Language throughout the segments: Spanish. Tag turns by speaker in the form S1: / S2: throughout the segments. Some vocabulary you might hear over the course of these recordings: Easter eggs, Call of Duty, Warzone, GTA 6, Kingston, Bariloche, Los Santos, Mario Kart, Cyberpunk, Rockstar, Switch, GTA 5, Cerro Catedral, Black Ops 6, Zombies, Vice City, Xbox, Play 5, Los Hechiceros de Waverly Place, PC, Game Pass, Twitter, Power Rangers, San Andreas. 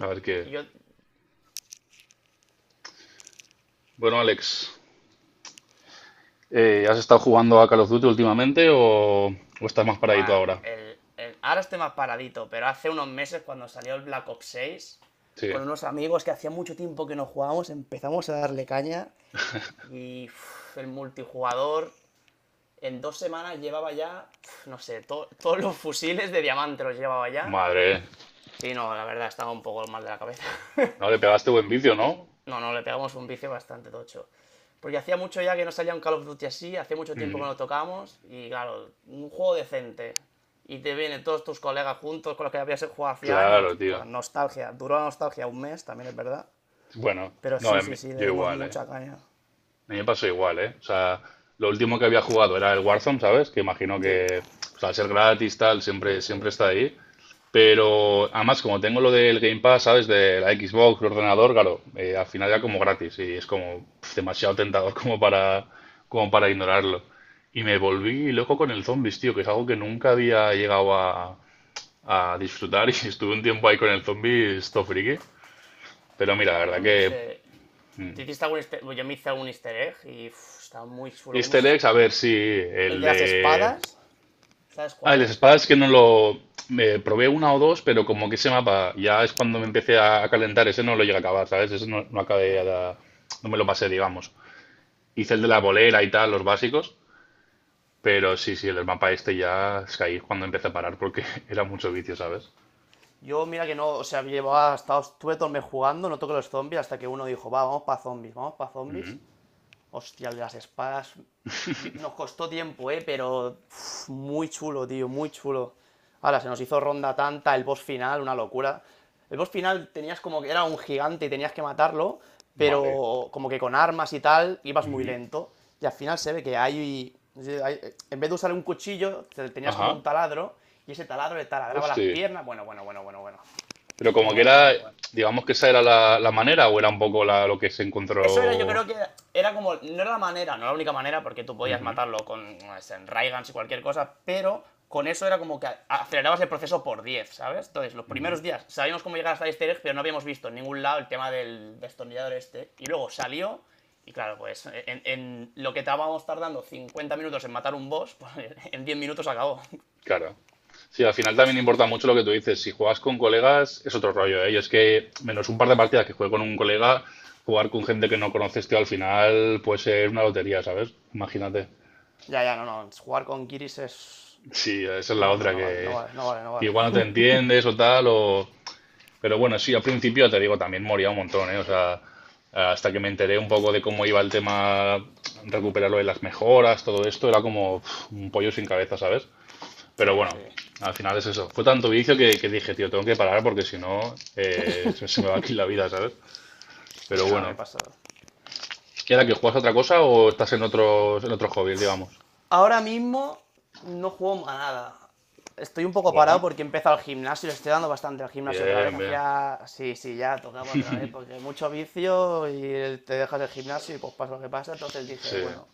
S1: A ver qué.
S2: Yo.
S1: Bueno, Alex, ¿has estado jugando a Call of Duty últimamente o estás más paradito
S2: Buah,
S1: ahora?
S2: ahora estoy más paradito, pero hace unos meses cuando salió el Black Ops 6,
S1: Sí.
S2: con unos amigos que hacía mucho tiempo que no jugábamos, empezamos a darle caña y uf, el multijugador en dos semanas llevaba ya, no sé, todos los fusiles de diamante los llevaba ya.
S1: Madre,
S2: Sí, no, la verdad, estaba un poco mal de la cabeza.
S1: no le pegaste buen vicio, ¿no?
S2: No, no, le pegamos un vicio bastante tocho. Porque hacía mucho ya que no salía un Call of Duty así, hacía mucho tiempo
S1: Mm,
S2: que no lo tocamos, y claro, un juego decente. Y te vienen todos tus colegas juntos con los que habías jugado hace años.
S1: claro, tío.
S2: Pues nostalgia, duró la nostalgia un mes, también es verdad.
S1: Bueno,
S2: Pero
S1: no,
S2: sí, sí, sí, le
S1: yo
S2: dimos
S1: igual, ¿eh?
S2: mucha caña.
S1: A mí me pasó igual, ¿eh? O sea, lo último que había jugado era el Warzone, ¿sabes? Que imagino
S2: Sí.
S1: que pues, al ser gratis, tal,
S2: Sí,
S1: siempre,
S2: sí.
S1: siempre está ahí. Pero además, como tengo lo del Game Pass, ¿sabes? De la Xbox, el ordenador, claro, al final ya como gratis y es como pf, demasiado tentador como para ignorarlo. Y me volví loco con el Zombies, tío, que es algo que nunca había llegado a disfrutar y estuve un tiempo ahí con el Zombies, esto friki. Pero mira, la
S2: Bueno,
S1: verdad
S2: yo me
S1: que
S2: hice. ¿Te hiciste algún easter... Yo me hice algún easter egg y uff, está muy chulo. ¿Cómo
S1: Easter
S2: es?
S1: eggs, a ver si
S2: El
S1: el
S2: de las
S1: de.
S2: espadas, ¿sabes
S1: Ah,
S2: cuál
S1: el
S2: es?
S1: espadas que no lo. Me probé una o dos, pero como que ese mapa ya es cuando me empecé a calentar. Ese no lo llegué a acabar, ¿sabes? Ese no, no acabé. No me lo pasé, digamos. Hice el de la bolera y tal, los básicos. Pero sí, sí, el mapa este ya es que ahí es cuando empecé a parar porque era mucho vicio, ¿sabes?
S2: Yo, mira que no, o sea, llevaba, hasta, estuve todo el mes jugando, no toqué los zombies, hasta que uno dijo, va, vamos para zombies, vamos para zombies.
S1: Ujú.
S2: Hostia, el de las espadas. Nos costó tiempo, pero uf, muy chulo, tío, muy chulo. Ahora, se nos hizo ronda tanta, el boss final, una locura. El boss final tenías como que era un gigante y tenías que matarlo,
S1: Vale.
S2: pero como que con armas y tal, ibas muy
S1: Ujú.
S2: lento. Y al final se ve que hay- en vez de usar un cuchillo, tenías como
S1: Ajá.
S2: un taladro, y ese taladro le taladraba las
S1: Hostia.
S2: piernas. Bueno, bueno, bueno, bueno, bueno.
S1: Pero
S2: Bueno,
S1: como que
S2: bueno,
S1: era.
S2: bueno, bueno.
S1: Digamos que esa era la manera o era un poco lo que se
S2: Eso era, yo
S1: encontró.
S2: creo que era como. No era la manera, no la única manera, porque tú podías matarlo con no y cualquier cosa, pero con eso era como que acelerabas el proceso por 10, ¿sabes? Entonces, los
S1: Ujú.
S2: primeros días sabíamos cómo llegar hasta Easter egg, pero no habíamos visto en ningún lado el tema del destornillador este. Y luego salió, y claro, pues en lo que estábamos tardando 50 minutos en matar un boss, pues en 10 minutos acabó.
S1: Claro. Sí, al final también importa mucho lo que tú dices. Si juegas con colegas, es otro rollo, ¿eh? Yo es que, menos un par de partidas que juegue con un colega, jugar con gente que no conoces, tío, al final puede ser una lotería, ¿sabes? Imagínate.
S2: Ya, ya, no, no. Jugar con Kiris es.
S1: Sí, esa es la
S2: No, no,
S1: otra,
S2: no vale, no vale, no vale, no
S1: que
S2: vale.
S1: igual no te entiendes o tal. Pero bueno, sí, al principio te digo, también moría un montón, ¿eh? O sea, hasta que me enteré un poco de cómo iba el tema, recuperarlo de las mejoras, todo esto, era como uf, un pollo sin cabeza, ¿sabes?
S2: Sí,
S1: Pero bueno,
S2: sí.
S1: al final es eso. Fue tanto vicio que dije, tío, tengo que parar porque si no se me va aquí la vida, ¿sabes?
S2: Sí,
S1: Pero
S2: no, me
S1: bueno.
S2: pasó.
S1: ¿Y ahora que juegas a otra cosa o estás en otros hobbies, digamos?
S2: Ahora mismo no juego a nada. Estoy un poco parado
S1: Bueno,
S2: porque he empezado el gimnasio, le estoy dando bastante al gimnasio otra vez.
S1: bien, bien.
S2: Hacía. Sí, sí, ya tocaba otra vez porque mucho vicio y te dejas el gimnasio y pues pasa lo que pasa. Entonces dije,
S1: Sí.
S2: bueno,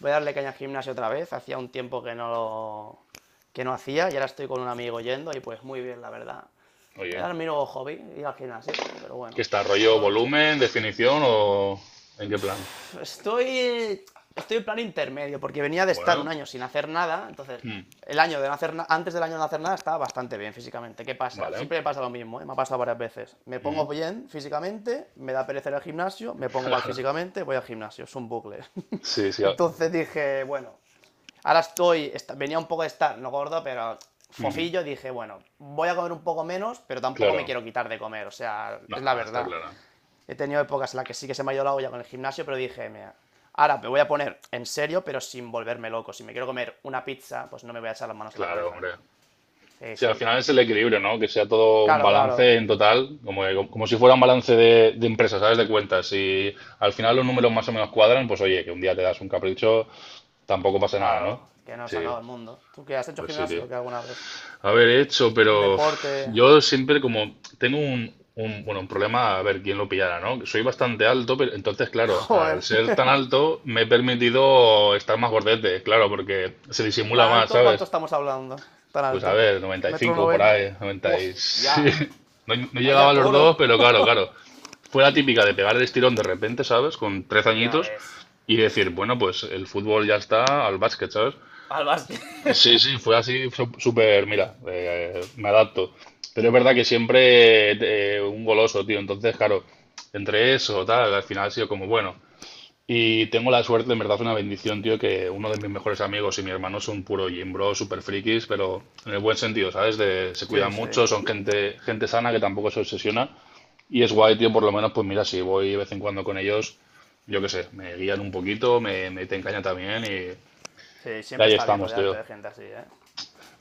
S2: voy a darle caña al gimnasio otra vez. Hacía un tiempo que no lo, que no hacía, y ahora estoy con un amigo yendo y pues muy bien, la verdad.
S1: Oye,
S2: Era mi nuevo hobby, ir al gimnasio, pero
S1: ¿qué
S2: bueno,
S1: está? ¿Rollo
S2: aprovecho.
S1: volumen, definición o en qué plan?
S2: Estoy. Estoy en plan intermedio, porque venía de estar un
S1: Bueno,
S2: año sin hacer nada, entonces.
S1: mm,
S2: El año de no hacer antes del año de no hacer nada estaba bastante bien físicamente. ¿Qué pasa?
S1: vale.
S2: Siempre me pasa lo mismo, ¿eh? Me ha pasado varias veces. Me
S1: Mm.
S2: pongo bien físicamente, me da pereza ir al gimnasio, me pongo mal físicamente, voy al gimnasio, es un bucle.
S1: Sí, sí.
S2: Entonces dije, bueno, ahora estoy, venía un poco de estar, no gordo, pero
S1: Ujú,
S2: fofillo, dije, bueno, voy a comer un poco menos, pero tampoco me
S1: claro.
S2: quiero quitar de comer, o sea,
S1: No,
S2: es la
S1: está
S2: verdad.
S1: claro.
S2: He tenido épocas en las que sí que se me ha ido la olla con el gimnasio, pero dije, mira, ahora me voy a poner en serio, pero sin volverme loco. Si me quiero comer una pizza, pues no me voy a echar las manos a la
S1: Claro,
S2: cabeza.
S1: hombre.
S2: Sí,
S1: Sí, al
S2: sí.
S1: final es el equilibrio, ¿no? Que sea todo un
S2: Claro, claro.
S1: balance en total, como, como si fuera un balance de empresas, ¿sabes? De cuentas. Si al final los números más o menos cuadran, pues oye, que un día te das un capricho, tampoco pasa nada,
S2: Claro.
S1: ¿no?
S2: Que no se
S1: Sí,
S2: acaba el mundo. ¿Tú qué has hecho
S1: pues sí, tío.
S2: gimnasio o qué alguna vez?
S1: A ver, he hecho,
S2: Un
S1: pero
S2: deporte.
S1: uf, yo siempre como tengo bueno, un problema, a ver quién lo pillara, ¿no? Soy bastante alto, pero entonces, claro, al
S2: Joder.
S1: ser tan alto me he permitido estar más gordete, claro, porque se disimula
S2: ¿Tan
S1: más,
S2: alto cuánto
S1: ¿sabes?
S2: estamos hablando? Tan
S1: Pues a
S2: alto.
S1: ver,
S2: Metro
S1: 95 por
S2: noventa.
S1: ahí, 90 sí.
S2: ¡Hostia!
S1: No, no llegaba a
S2: Vaya
S1: los
S2: toro.
S1: dos, pero claro, claro. Fue la típica de pegar el estirón de repente, ¿sabes? Con 13
S2: Ya
S1: añitos
S2: ves.
S1: y decir, bueno, pues el fútbol ya está al básquet, ¿sabes?
S2: Al básquet.
S1: Sí, sí, fue así, súper, mira, me adapto. Pero es verdad que siempre un goloso, tío. Entonces, claro, entre eso, tal, al final ha sido como, bueno, y tengo la suerte, en verdad, una bendición, tío, que uno de mis mejores amigos y mi hermano son puro gym bro, super frikis, pero en el buen sentido, ¿sabes? De, se
S2: Sí,
S1: cuidan
S2: sí.
S1: mucho, son gente sana que tampoco se obsesiona. Y es guay, tío, por lo menos, pues mira, si voy de vez en cuando con ellos, yo qué sé, me guían un poquito, me te encañan también
S2: Sí,
S1: y
S2: siempre
S1: ahí
S2: está bien
S1: estamos,
S2: rodearte
S1: tío.
S2: de gente así, ¿eh?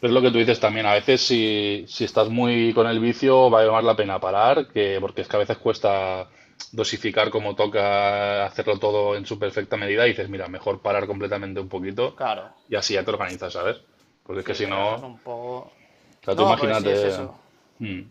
S1: Es lo
S2: Ya
S1: que
S2: te
S1: tú
S2: lo
S1: dices
S2: digo.
S1: también, a veces si estás muy con el vicio vale más la pena parar, porque es que a veces cuesta dosificar como toca, hacerlo todo en su perfecta medida y dices, mira, mejor parar completamente un poquito
S2: Claro.
S1: y así ya te organizas, ¿sabes? Porque es
S2: Sí,
S1: que si
S2: te
S1: no,
S2: relajas
S1: o
S2: un poco.
S1: sea,
S2: No, porque sí es eso.
S1: mm,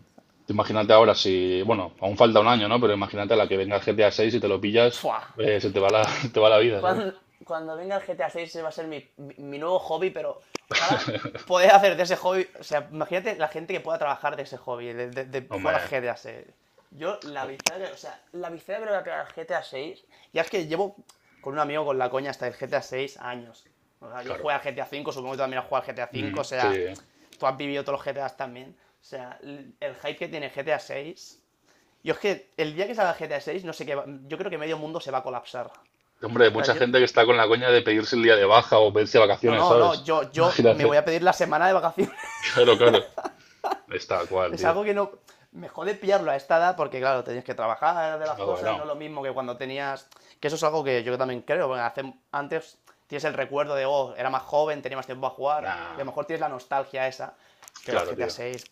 S1: tú imagínate ahora si, bueno, aún falta un año, ¿no? Pero imagínate a la que venga el GTA 6 y te lo pillas,
S2: Fua.
S1: se te va la, te va la vida, ¿sabes?
S2: Cuando, cuando venga el GTA 6, ese va a ser mi nuevo hobby, pero ojalá poder hacer de ese hobby. O sea, imagínate la gente que pueda trabajar de ese hobby, de, de
S1: No
S2: jugar
S1: me,
S2: al GTA seis. Yo, la
S1: no,
S2: victoria, o sea, la victoria que le voy a pegar al GTA seis, ya es que llevo con un amigo con la coña hasta el GTA seis años. O sea, yo
S1: claro,
S2: jugué al GTA cinco, supongo que tú también has jugado al GTA cinco. O
S1: Mm,
S2: sea,
S1: sí.
S2: tú has vivido todos los GTAs también. O sea, el hype que tiene GTA seis. Yo es que el día que salga GTA seis no sé qué, yo creo que medio mundo se va a colapsar.
S1: Hombre, hay
S2: O sea,
S1: mucha
S2: yo,
S1: gente que está con la coña de pedirse el día de baja o pedirse
S2: no,
S1: vacaciones,
S2: no, no,
S1: ¿sabes?
S2: yo, yo me
S1: Imagínate.
S2: voy a pedir la semana de vacaciones.
S1: Claro, claro. Está cual,
S2: Es
S1: tío.
S2: algo que no... Me jode pillarlo a esta edad porque, claro, tenías que trabajar de las
S1: No,
S2: cosas, no es
S1: bueno.
S2: lo mismo que cuando tenías... Que eso es algo que yo también creo, porque antes tienes el recuerdo de, oh, era más joven, tenía más tiempo a jugar, y a
S1: Nah.
S2: lo mejor tienes la nostalgia esa. Pero
S1: Claro,
S2: GTA
S1: tío.
S2: 6,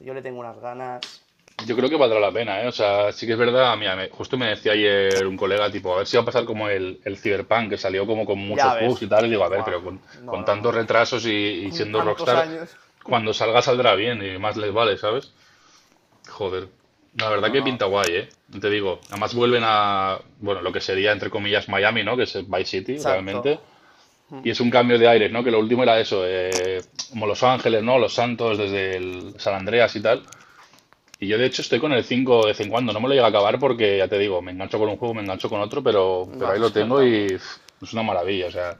S2: yo le tengo unas ganas...
S1: Yo creo que valdrá la pena, ¿eh? O sea, sí que es verdad. Mira, justo me decía ayer un colega, tipo, a ver si va a pasar como el Cyberpunk, que salió como con
S2: Ya
S1: muchos
S2: ves,
S1: bugs y tal. Y digo, a ver,
S2: buah,
S1: pero
S2: no,
S1: con
S2: no, no,
S1: tantos
S2: no.
S1: retrasos y
S2: Con
S1: siendo
S2: tantos
S1: Rockstar,
S2: años...
S1: cuando salga saldrá bien y más les vale, ¿sabes? Joder, la verdad
S2: No,
S1: que
S2: no,
S1: pinta guay, ¿eh? No te digo, además vuelven bueno, lo que sería entre comillas Miami, ¿no? Que es el Vice City realmente.
S2: exacto.
S1: Y es un cambio de aires, ¿no? Que lo último era eso, como Los Ángeles, ¿no? Los Santos desde el San Andreas y tal. Y yo de hecho estoy con el 5 de vez en cuando, no me lo llega a acabar porque ya te digo, me engancho con un juego, me engancho con otro, pero ahí
S2: Vas
S1: lo tengo
S2: saltando.
S1: y pff, es una maravilla, o sea,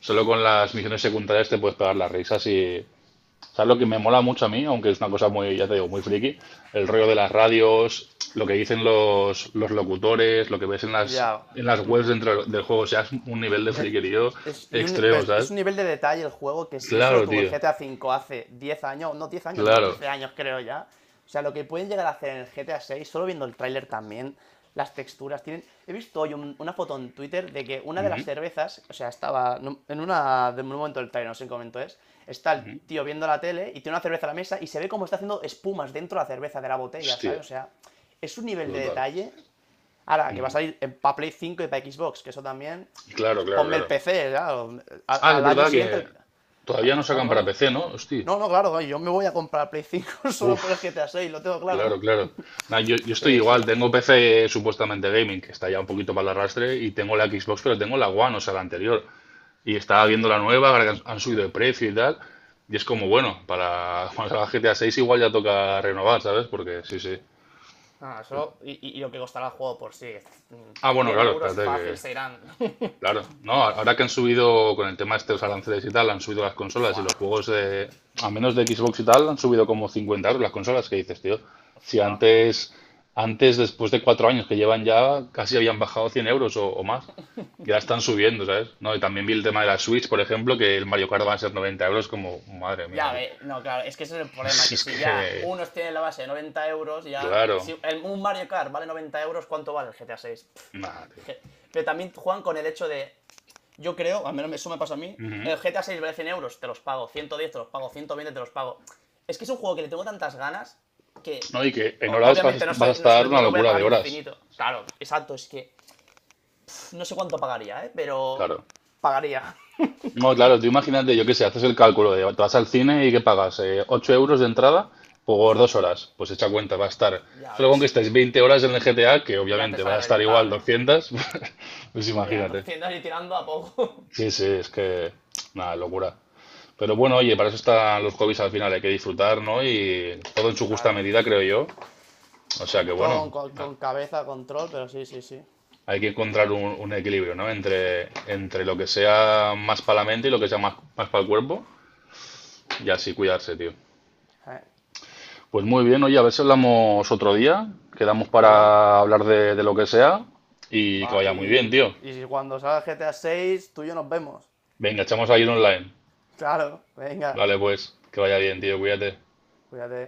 S1: solo con las misiones secundarias te puedes pegar las risas y. ¿Sabes lo que me mola mucho a mí? Aunque es una cosa muy, ya te digo, muy friki. El rollo de las radios, lo que dicen los locutores, lo que ves
S2: Ya.
S1: en las webs
S2: Ujú.
S1: dentro del juego. O sea, es un nivel de
S2: Eh,
S1: friquerío extremo,
S2: es
S1: ¿sabes?
S2: un nivel de detalle el juego que si eso lo
S1: Claro,
S2: tuvo el
S1: tío.
S2: GTA V hace 10 años, no
S1: Claro.
S2: 13 años creo ya. O sea, lo que pueden llegar a hacer en el GTA 6, solo viendo el tráiler también, las texturas, tienen... He visto hoy una foto en Twitter de que una de las
S1: Ujú.
S2: cervezas, o sea, estaba en una... de un momento del tráiler, no sé en qué momento es, está el tío viendo la tele y tiene una cerveza a la mesa y se ve como está haciendo espumas dentro de la cerveza de la botella, ¿sabes?
S1: Hostia,
S2: O sea, es un
S1: qué
S2: nivel de
S1: brutal.
S2: detalle. Ahora, que va a salir para Play 5 y para Xbox, que eso también.
S1: Claro, claro,
S2: Ponme el
S1: claro.
S2: PC, claro. Al,
S1: Ah, es
S2: al año
S1: verdad
S2: siguiente.
S1: que todavía no
S2: Claro,
S1: sacan para
S2: claro.
S1: PC, ¿no? Hostia.
S2: No, no, claro, yo me voy a comprar Play 5 solo por el
S1: Uf.
S2: GTA 6, lo tengo claro.
S1: Claro, claro. Nah, yo estoy
S2: Sí, sí.
S1: igual, tengo PC supuestamente gaming, que está ya un poquito para el arrastre, y tengo la Xbox, pero tengo la One, o sea, la anterior. Y estaba viendo
S2: Hostia.
S1: la nueva, ahora que han subido
S2: Mm.
S1: de precio y tal, y es como, bueno, para cuando salga GTA 6 igual ya toca renovar, ¿sabes? Porque sí, sí.
S2: Ah, eso. Y, lo que costará el juego por sí.
S1: Ah, bueno,
S2: 100
S1: claro,
S2: euros
S1: espérate
S2: fácil
S1: que.
S2: serán.
S1: Claro, no, ahora que han subido con el tema este de estos aranceles y tal, han subido las consolas y
S2: Fua.
S1: los juegos de, a menos de Xbox y tal, han subido como 50 € las consolas que dices, tío. Si
S2: Hostia.
S1: antes, después de 4 años que llevan ya, casi habían bajado 100 € o más, ya están subiendo, ¿sabes? No, y también vi el tema de la Switch, por ejemplo, que el Mario Kart va a ser 90 euros, como, madre mía,
S2: Ya,
S1: tú.
S2: ve, no, claro, es que ese es el problema, que
S1: Es
S2: si
S1: que,
S2: ya unos tienen la base de 90 euros, ya...
S1: claro,
S2: Si un Mario Kart vale 90 euros, ¿cuánto vale el GTA 6?
S1: nada, tío.
S2: Pero también juegan con el hecho de, yo creo, al menos eso me pasa a mí,
S1: Ujú.
S2: el GTA seis vale 100 euros, te los pago, 110 te los pago, 120 te los pago. Es que es un juego que le tengo tantas ganas que
S1: No, y que en
S2: o-
S1: horas vas,
S2: obviamente no,
S1: vas a
S2: soy- no,
S1: estar
S2: no
S1: una
S2: lo voy a
S1: locura de
S2: pagar
S1: horas,
S2: infinito. Claro, exacto, es que no sé cuánto pagaría, ¿eh? Pero
S1: claro.
S2: pagaría.
S1: No, claro, tú imagínate, yo qué sé, haces el cálculo de te vas al cine y que pagas 8 € de entrada por dos
S2: Exacto,
S1: horas. Pues echa cuenta, va a estar,
S2: ya
S1: solo con que
S2: ves,
S1: estés 20 horas en el GTA, que
S2: ya te
S1: obviamente va
S2: sale
S1: a estar igual
S2: rentable.
S1: 200 pues
S2: Ya,
S1: imagínate.
S2: 200 y tirando a poco.
S1: Sí, sí, es que, nada, locura. Pero bueno, oye, para eso están los hobbies al final, hay que disfrutar, ¿no? Y todo en su justa
S2: Claro.
S1: medida, creo yo. O sea que
S2: Todo con,
S1: bueno,
S2: con cabeza, control, pero sí, sí, sí.
S1: hay que encontrar un equilibrio, ¿no? Entre lo que sea más para la mente y lo que sea más para el cuerpo, y así cuidarse, tío.
S2: Eh,
S1: Pues muy bien, oye, a ver si hablamos otro día, quedamos
S2: claro.
S1: para hablar de lo que sea y que
S2: Vale,
S1: vaya muy bien, tío.
S2: y si cuando salga GTA seis tú y yo nos vemos.
S1: Venga, echamos ahí un online.
S2: Claro, venga,
S1: Vale, pues, que vaya bien, tío, cuídate.
S2: cuídate.